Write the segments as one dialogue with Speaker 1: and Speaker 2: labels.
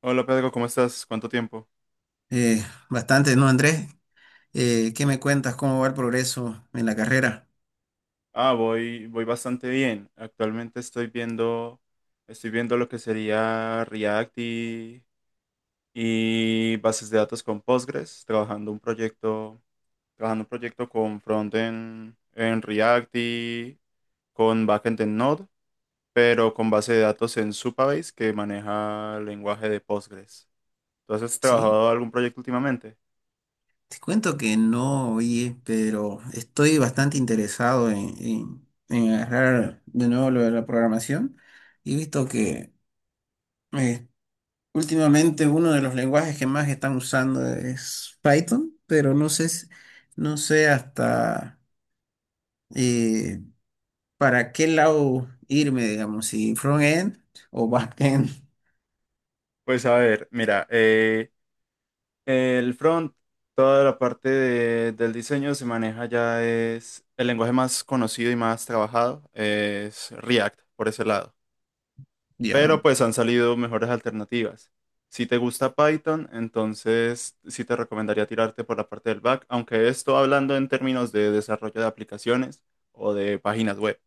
Speaker 1: Hola Pedro, ¿cómo estás? ¿Cuánto tiempo?
Speaker 2: Eh, Bastante, ¿no, Andrés? ¿Qué me cuentas? ¿Cómo va el progreso en la carrera?
Speaker 1: Ah, voy bastante bien. Estoy viendo lo que sería React y bases de datos con Postgres, trabajando un proyecto con frontend en React y con backend en Node, pero con base de datos en Supabase que maneja el lenguaje de Postgres. Entonces, ¿has
Speaker 2: Sí,
Speaker 1: trabajado algún proyecto últimamente?
Speaker 2: te cuento que no, oye, pero estoy bastante interesado en agarrar de nuevo lo de la programación y he visto que eh, últimamente uno de los lenguajes que más están usando es Python, pero no sé, no sé hasta eh, para qué lado irme, digamos, si front-end o back-end.
Speaker 1: Pues a ver, mira, el front, toda la del diseño se maneja, ya es el lenguaje más conocido y más trabajado, es React por ese lado. Pero
Speaker 2: ¿Ya?
Speaker 1: pues han salido mejores alternativas. Si te gusta Python, entonces sí te recomendaría tirarte por la parte del back, aunque esto hablando en términos de desarrollo de aplicaciones o de páginas web.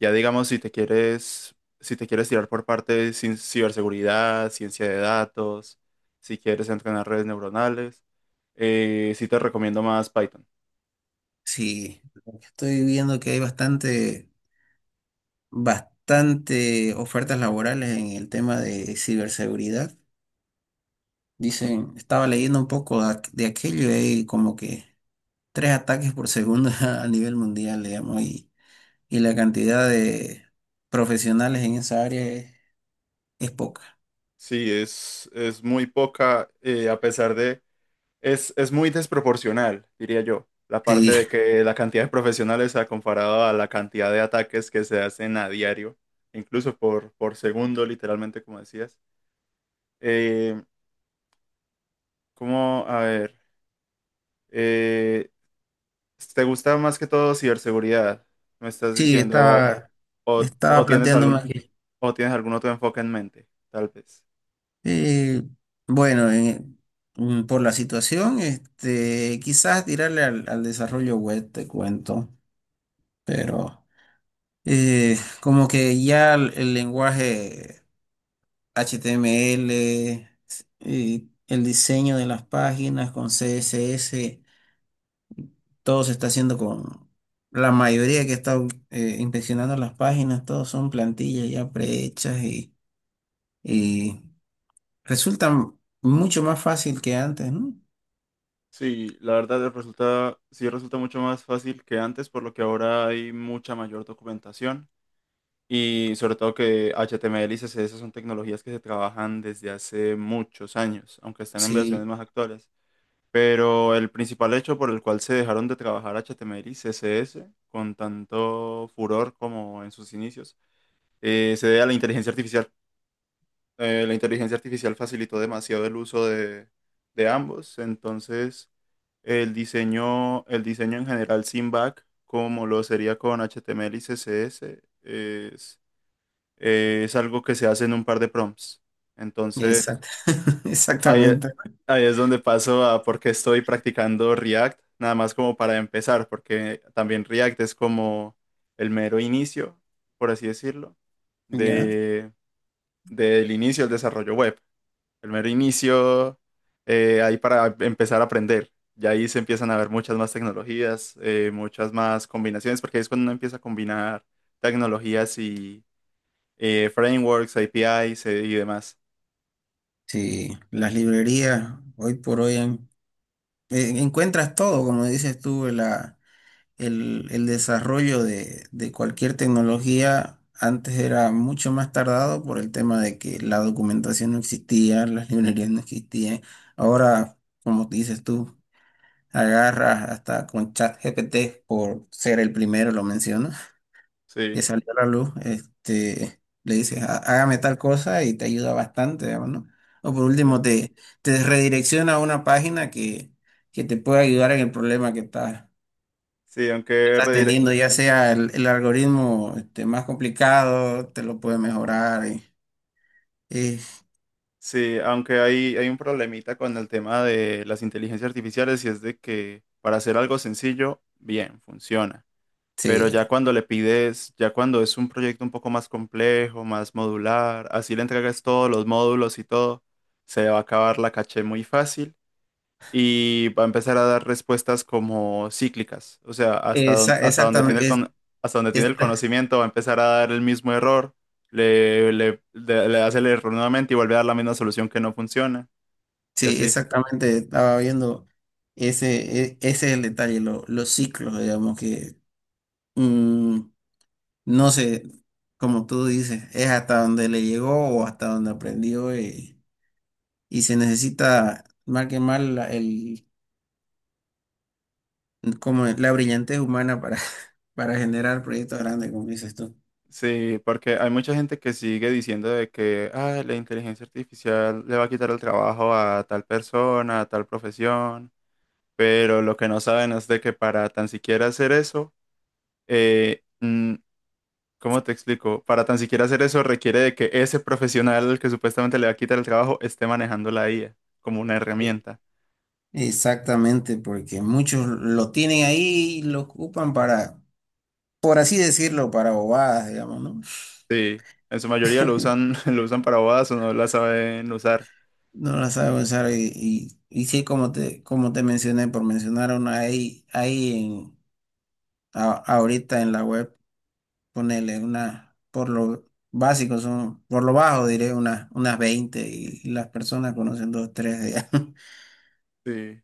Speaker 1: Ya digamos, si te quieres tirar por parte de ciberseguridad, ciencia de datos, si quieres entrenar redes neuronales, sí te recomiendo más Python.
Speaker 2: Sí. Estoy viendo que hay bastante ofertas laborales en el tema de ciberseguridad. Dicen, estaba leyendo un poco de aquello y hay como que tres ataques por segundo a nivel mundial, digamos, y la cantidad de profesionales en esa área es poca.
Speaker 1: Sí, es muy poca, a pesar de, es muy desproporcional, diría yo, la parte
Speaker 2: Sí,
Speaker 1: de que la cantidad de profesionales ha comparado a la cantidad de ataques que se hacen a diario, incluso por segundo, literalmente, como decías. Eh, ¿Cómo? A ver. eh, ¿Te gusta más que todo ciberseguridad? ¿Me estás
Speaker 2: sí,
Speaker 1: diciendo?
Speaker 2: estaba
Speaker 1: O- ¿Tienes
Speaker 2: planteándome
Speaker 1: algún,
Speaker 2: que,
Speaker 1: o tienes algún otro enfoque en mente? Tal vez.
Speaker 2: eh, bueno, mm, por la situación, este, quizás tirarle al desarrollo web, te cuento. Pero como que ya el lenguaje HTML y el diseño de las páginas con CSS, todo se está haciendo con la mayoría que está inspeccionando las páginas, todos son plantillas ya prehechas y resultan mucho más fácil que antes, ¿no?
Speaker 1: Sí, la verdad resulta, sí resulta mucho más fácil que antes, por lo que ahora hay mucha mayor documentación y sobre todo que HTML y CSS son tecnologías que se trabajan desde hace muchos años, aunque están en versiones
Speaker 2: Sí,
Speaker 1: más actuales. Pero el principal hecho por el cual se dejaron de trabajar HTML y CSS con tanto furor como en sus inicios se debe a la inteligencia artificial. La inteligencia artificial facilitó demasiado el uso de ambos, entonces el diseño en general sin back, como lo sería con HTML y CSS, es, es algo que se hace en un par de prompts. Entonces
Speaker 2: exact-
Speaker 1: ahí, e,
Speaker 2: exactamente.
Speaker 1: ahí es donde paso a por qué estoy practicando React, nada más como para empezar, porque también React es como el mero inicio, por así decirlo,
Speaker 2: Ya,
Speaker 1: del inicio del desarrollo web. El mero inicio, ahí para empezar a aprender. Y ahí se empiezan a ver muchas más tecnologías, muchas más combinaciones, porque ahí es cuando uno empieza a combinar tecnologías y frameworks, APIs y demás.
Speaker 2: sí, las librerías hoy por hoy han encuentras todo, como dices tú, el desarrollo de cualquier tecnología antes era mucho más tardado por el tema de que la documentación no existía, las librerías no existían. Ahora, como dices tú, agarras hasta con ChatGPT por ser el primero, lo menciono que
Speaker 1: Sí,
Speaker 2: salió a la luz, este, le dices, hágame tal cosa" y te ayuda bastante, digamos, ¿no? O por último,
Speaker 1: sí.
Speaker 2: te redirecciona a una página que te puede ayudar en el problema que
Speaker 1: Sí,
Speaker 2: que estás teniendo, ya sea el algoritmo este, más complicado, te lo puede mejorar. Y-
Speaker 1: sí, aunque hay un problemita con el tema de las inteligencias artificiales y es de que para hacer algo sencillo, bien, funciona. Pero
Speaker 2: sí.
Speaker 1: ya cuando le pides, ya cuando es un proyecto un poco más complejo, más modular, así le entregas todos los módulos y todo, se va a acabar la caché muy fácil y va a empezar a dar respuestas como cíclicas. O sea, hasta donde tiene el
Speaker 2: Exactamente.
Speaker 1: hasta donde tiene
Speaker 2: Es-
Speaker 1: el conocimiento va a empezar a dar el mismo error, le hace el error nuevamente y vuelve a dar la misma solución que no funciona y
Speaker 2: sí,
Speaker 1: así.
Speaker 2: exactamente, estaba viendo ese es el detalle, los ciclos, digamos, que... mm, no sé, como tú dices, es hasta donde le llegó o hasta donde aprendió, y se necesita más que más como la brillantez humana para, para generar proyectos grandes, como dices tú.
Speaker 1: Sí, porque hay mucha gente que sigue diciendo de que "Ah, la inteligencia artificial le va a quitar el trabajo a tal persona, a tal profesión, pero lo que no saben es de que para tan siquiera hacer eso, eh, mm, ¿cómo te explico? Para tan siquiera hacer eso requiere de que ese profesional que supuestamente le va a quitar el trabajo esté manejando la IA como una
Speaker 2: Eh,
Speaker 1: herramienta.
Speaker 2: Exactamente, porque muchos lo tienen ahí y lo ocupan para, por así decirlo, para bobadas, digamos, ¿no?
Speaker 1: Sí, en su mayoría lo usan, lo usan para bodas o no la saben usar.
Speaker 2: No la sabe usar y sí, como te mencioné, por mencionar una ahorita en la web. Ponerle una, por lo básico, son, por lo bajo diré unas 20 y las personas conocen dos, tres de allá.
Speaker 1: Sí.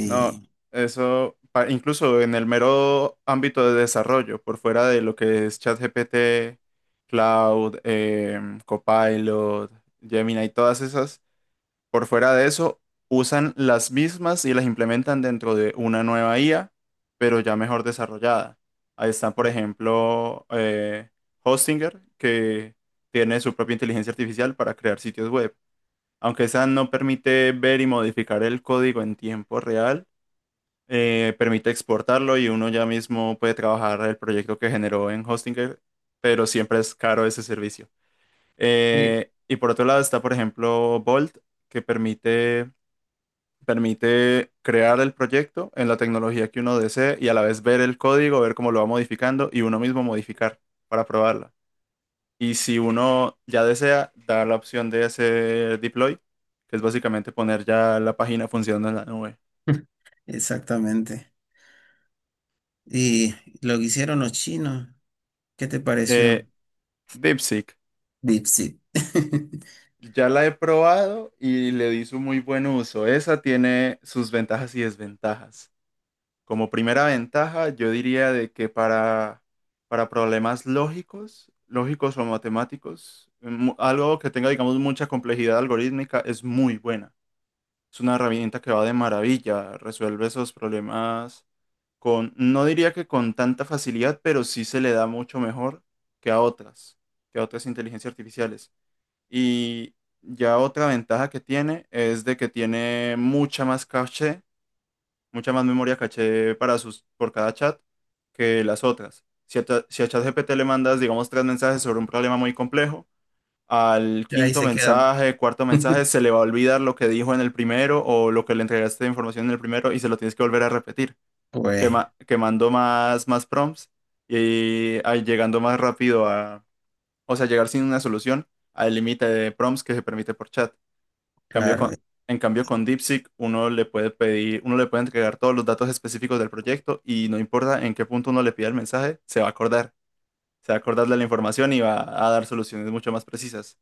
Speaker 1: No, eso, incluso en el mero ámbito de desarrollo, por fuera de lo que es ChatGPT, Cloud, Copilot, Gemini y todas esas, por fuera de eso, usan las mismas y las implementan dentro de una nueva IA, pero ya mejor desarrollada. Ahí están, por ejemplo, Hostinger, que tiene su propia inteligencia artificial para crear sitios web. Aunque esa no permite ver y modificar el código en tiempo real, permite exportarlo y uno ya mismo puede trabajar el proyecto que generó en Hostinger, pero siempre es caro ese servicio.
Speaker 2: sí,
Speaker 1: Y por otro lado está, por ejemplo, Bolt, que permite crear el proyecto en la tecnología que uno desee y a la vez ver el código, ver cómo lo va modificando y uno mismo modificar para probarla. Y si uno ya desea, da la opción de hacer deploy, que es básicamente poner ya la página funcionando en la nube.
Speaker 2: exactamente. Y lo que hicieron los chinos, ¿qué te
Speaker 1: Eh,
Speaker 2: pareció?
Speaker 1: DeepSeek.
Speaker 2: DeepSeek.
Speaker 1: Ya la he probado y le di su muy buen uso. Esa tiene sus ventajas y desventajas. Como primera ventaja, yo diría de que para problemas lógicos, lógicos o matemáticos, algo que tenga, digamos, mucha complejidad algorítmica es muy buena. Es una herramienta que va de maravilla, resuelve esos problemas con, no diría que con tanta facilidad, pero sí se le da mucho mejor que a otras, que a otras inteligencias artificiales. Y ya otra ventaja que tiene es de que tiene mucha más caché, mucha más memoria caché para sus, por cada chat que las otras. Si a ChatGPT le mandas, digamos, tres mensajes sobre un problema muy complejo, al
Speaker 2: Y ahí
Speaker 1: quinto
Speaker 2: se queda.
Speaker 1: mensaje, cuarto mensaje, se le va a olvidar lo que dijo en el primero o lo que le entregaste de información en el primero y se lo tienes que volver a repetir,
Speaker 2: Pues
Speaker 1: quemando más prompts y ah, llegando más rápido a, o sea, llegar sin una solución al límite de prompts que se permite por chat. Cambio
Speaker 2: claro,
Speaker 1: con, en cambio, con DeepSeek uno le puede pedir, uno le puede entregar todos los datos específicos del proyecto y no importa en qué punto uno le pida el mensaje, se va a acordar. Se va a acordar de la información y va a dar soluciones mucho más precisas.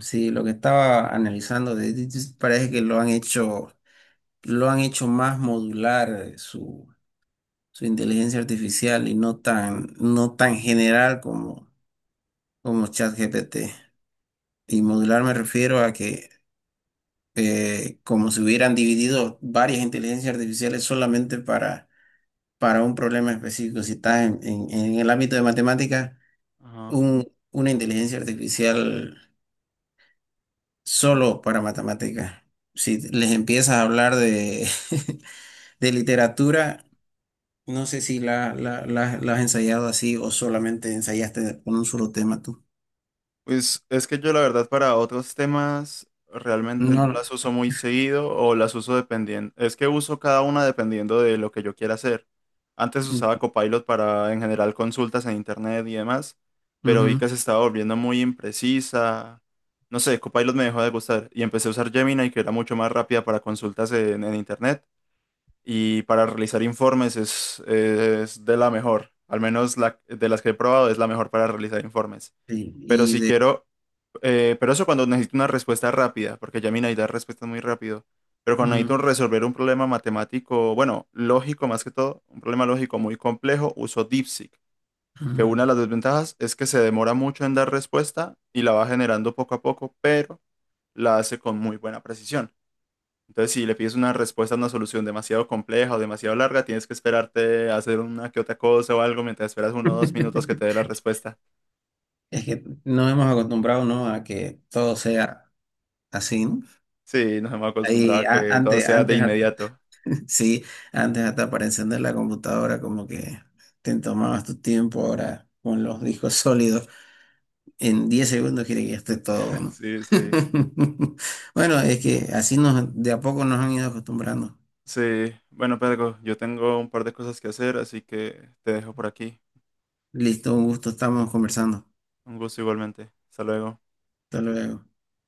Speaker 2: sí, lo que estaba analizando de DeepSeek parece que lo han hecho más modular, su inteligencia artificial y no tan general como como ChatGPT. Y modular me refiero a que como si hubieran dividido varias inteligencias artificiales solamente para un problema específico. Si estás en el ámbito de matemáticas,
Speaker 1: Ajá.
Speaker 2: una inteligencia artificial solo para matemáticas. Si les empiezas a hablar de, de literatura, no sé si la has ensayado así o solamente ensayaste con un solo tema tú.
Speaker 1: Pues es que yo la verdad para otros temas realmente no
Speaker 2: No.
Speaker 1: las uso muy seguido o las uso dependiendo. Es que uso cada una dependiendo de lo que yo quiera hacer. Antes usaba
Speaker 2: Ujú.
Speaker 1: Copilot para en general consultas en internet y demás, pero vi que se estaba volviendo muy imprecisa. No sé, Copilot me dejó de gustar y empecé a usar Gemini que era mucho más rápida para consultas en internet y para realizar informes es de la mejor. Al menos de las que he probado es la mejor para realizar informes.
Speaker 2: Sí,
Speaker 1: Pero
Speaker 2: y
Speaker 1: si
Speaker 2: de...
Speaker 1: quiero pero eso cuando necesito una respuesta rápida, porque ya Gemini da respuestas muy rápido. Pero cuando necesito resolver un problema matemático, bueno, lógico más que todo, un problema lógico muy complejo, uso DeepSeek, que una
Speaker 2: Ujú.
Speaker 1: de las desventajas es que se demora mucho en dar respuesta y la va generando poco a poco, pero la hace con muy buena precisión. Entonces, si le pides una respuesta a una solución demasiado compleja o demasiado larga, tienes que esperarte a hacer una que otra cosa o algo mientras esperas uno o dos minutos que te dé la respuesta.
Speaker 2: Es que nos hemos acostumbrado, ¿no? A que todo sea así, ¿no?
Speaker 1: Sí, nos hemos acostumbrado a que todo sea de
Speaker 2: Antes,
Speaker 1: inmediato.
Speaker 2: sí, antes hasta para encender la computadora como que te tomabas tu tiempo, ahora con los discos sólidos, en 10 segundos quiere que ya esté todo, ¿no?
Speaker 1: Sí, sí.
Speaker 2: Bueno, es que así nos, de a poco nos han ido acostumbrando.
Speaker 1: Sí, bueno, Pedro, yo tengo un par de cosas que hacer, así que te dejo por aquí.
Speaker 2: Listo, un gusto, estamos conversando.
Speaker 1: Un gusto igualmente. Hasta luego.
Speaker 2: Hasta luego.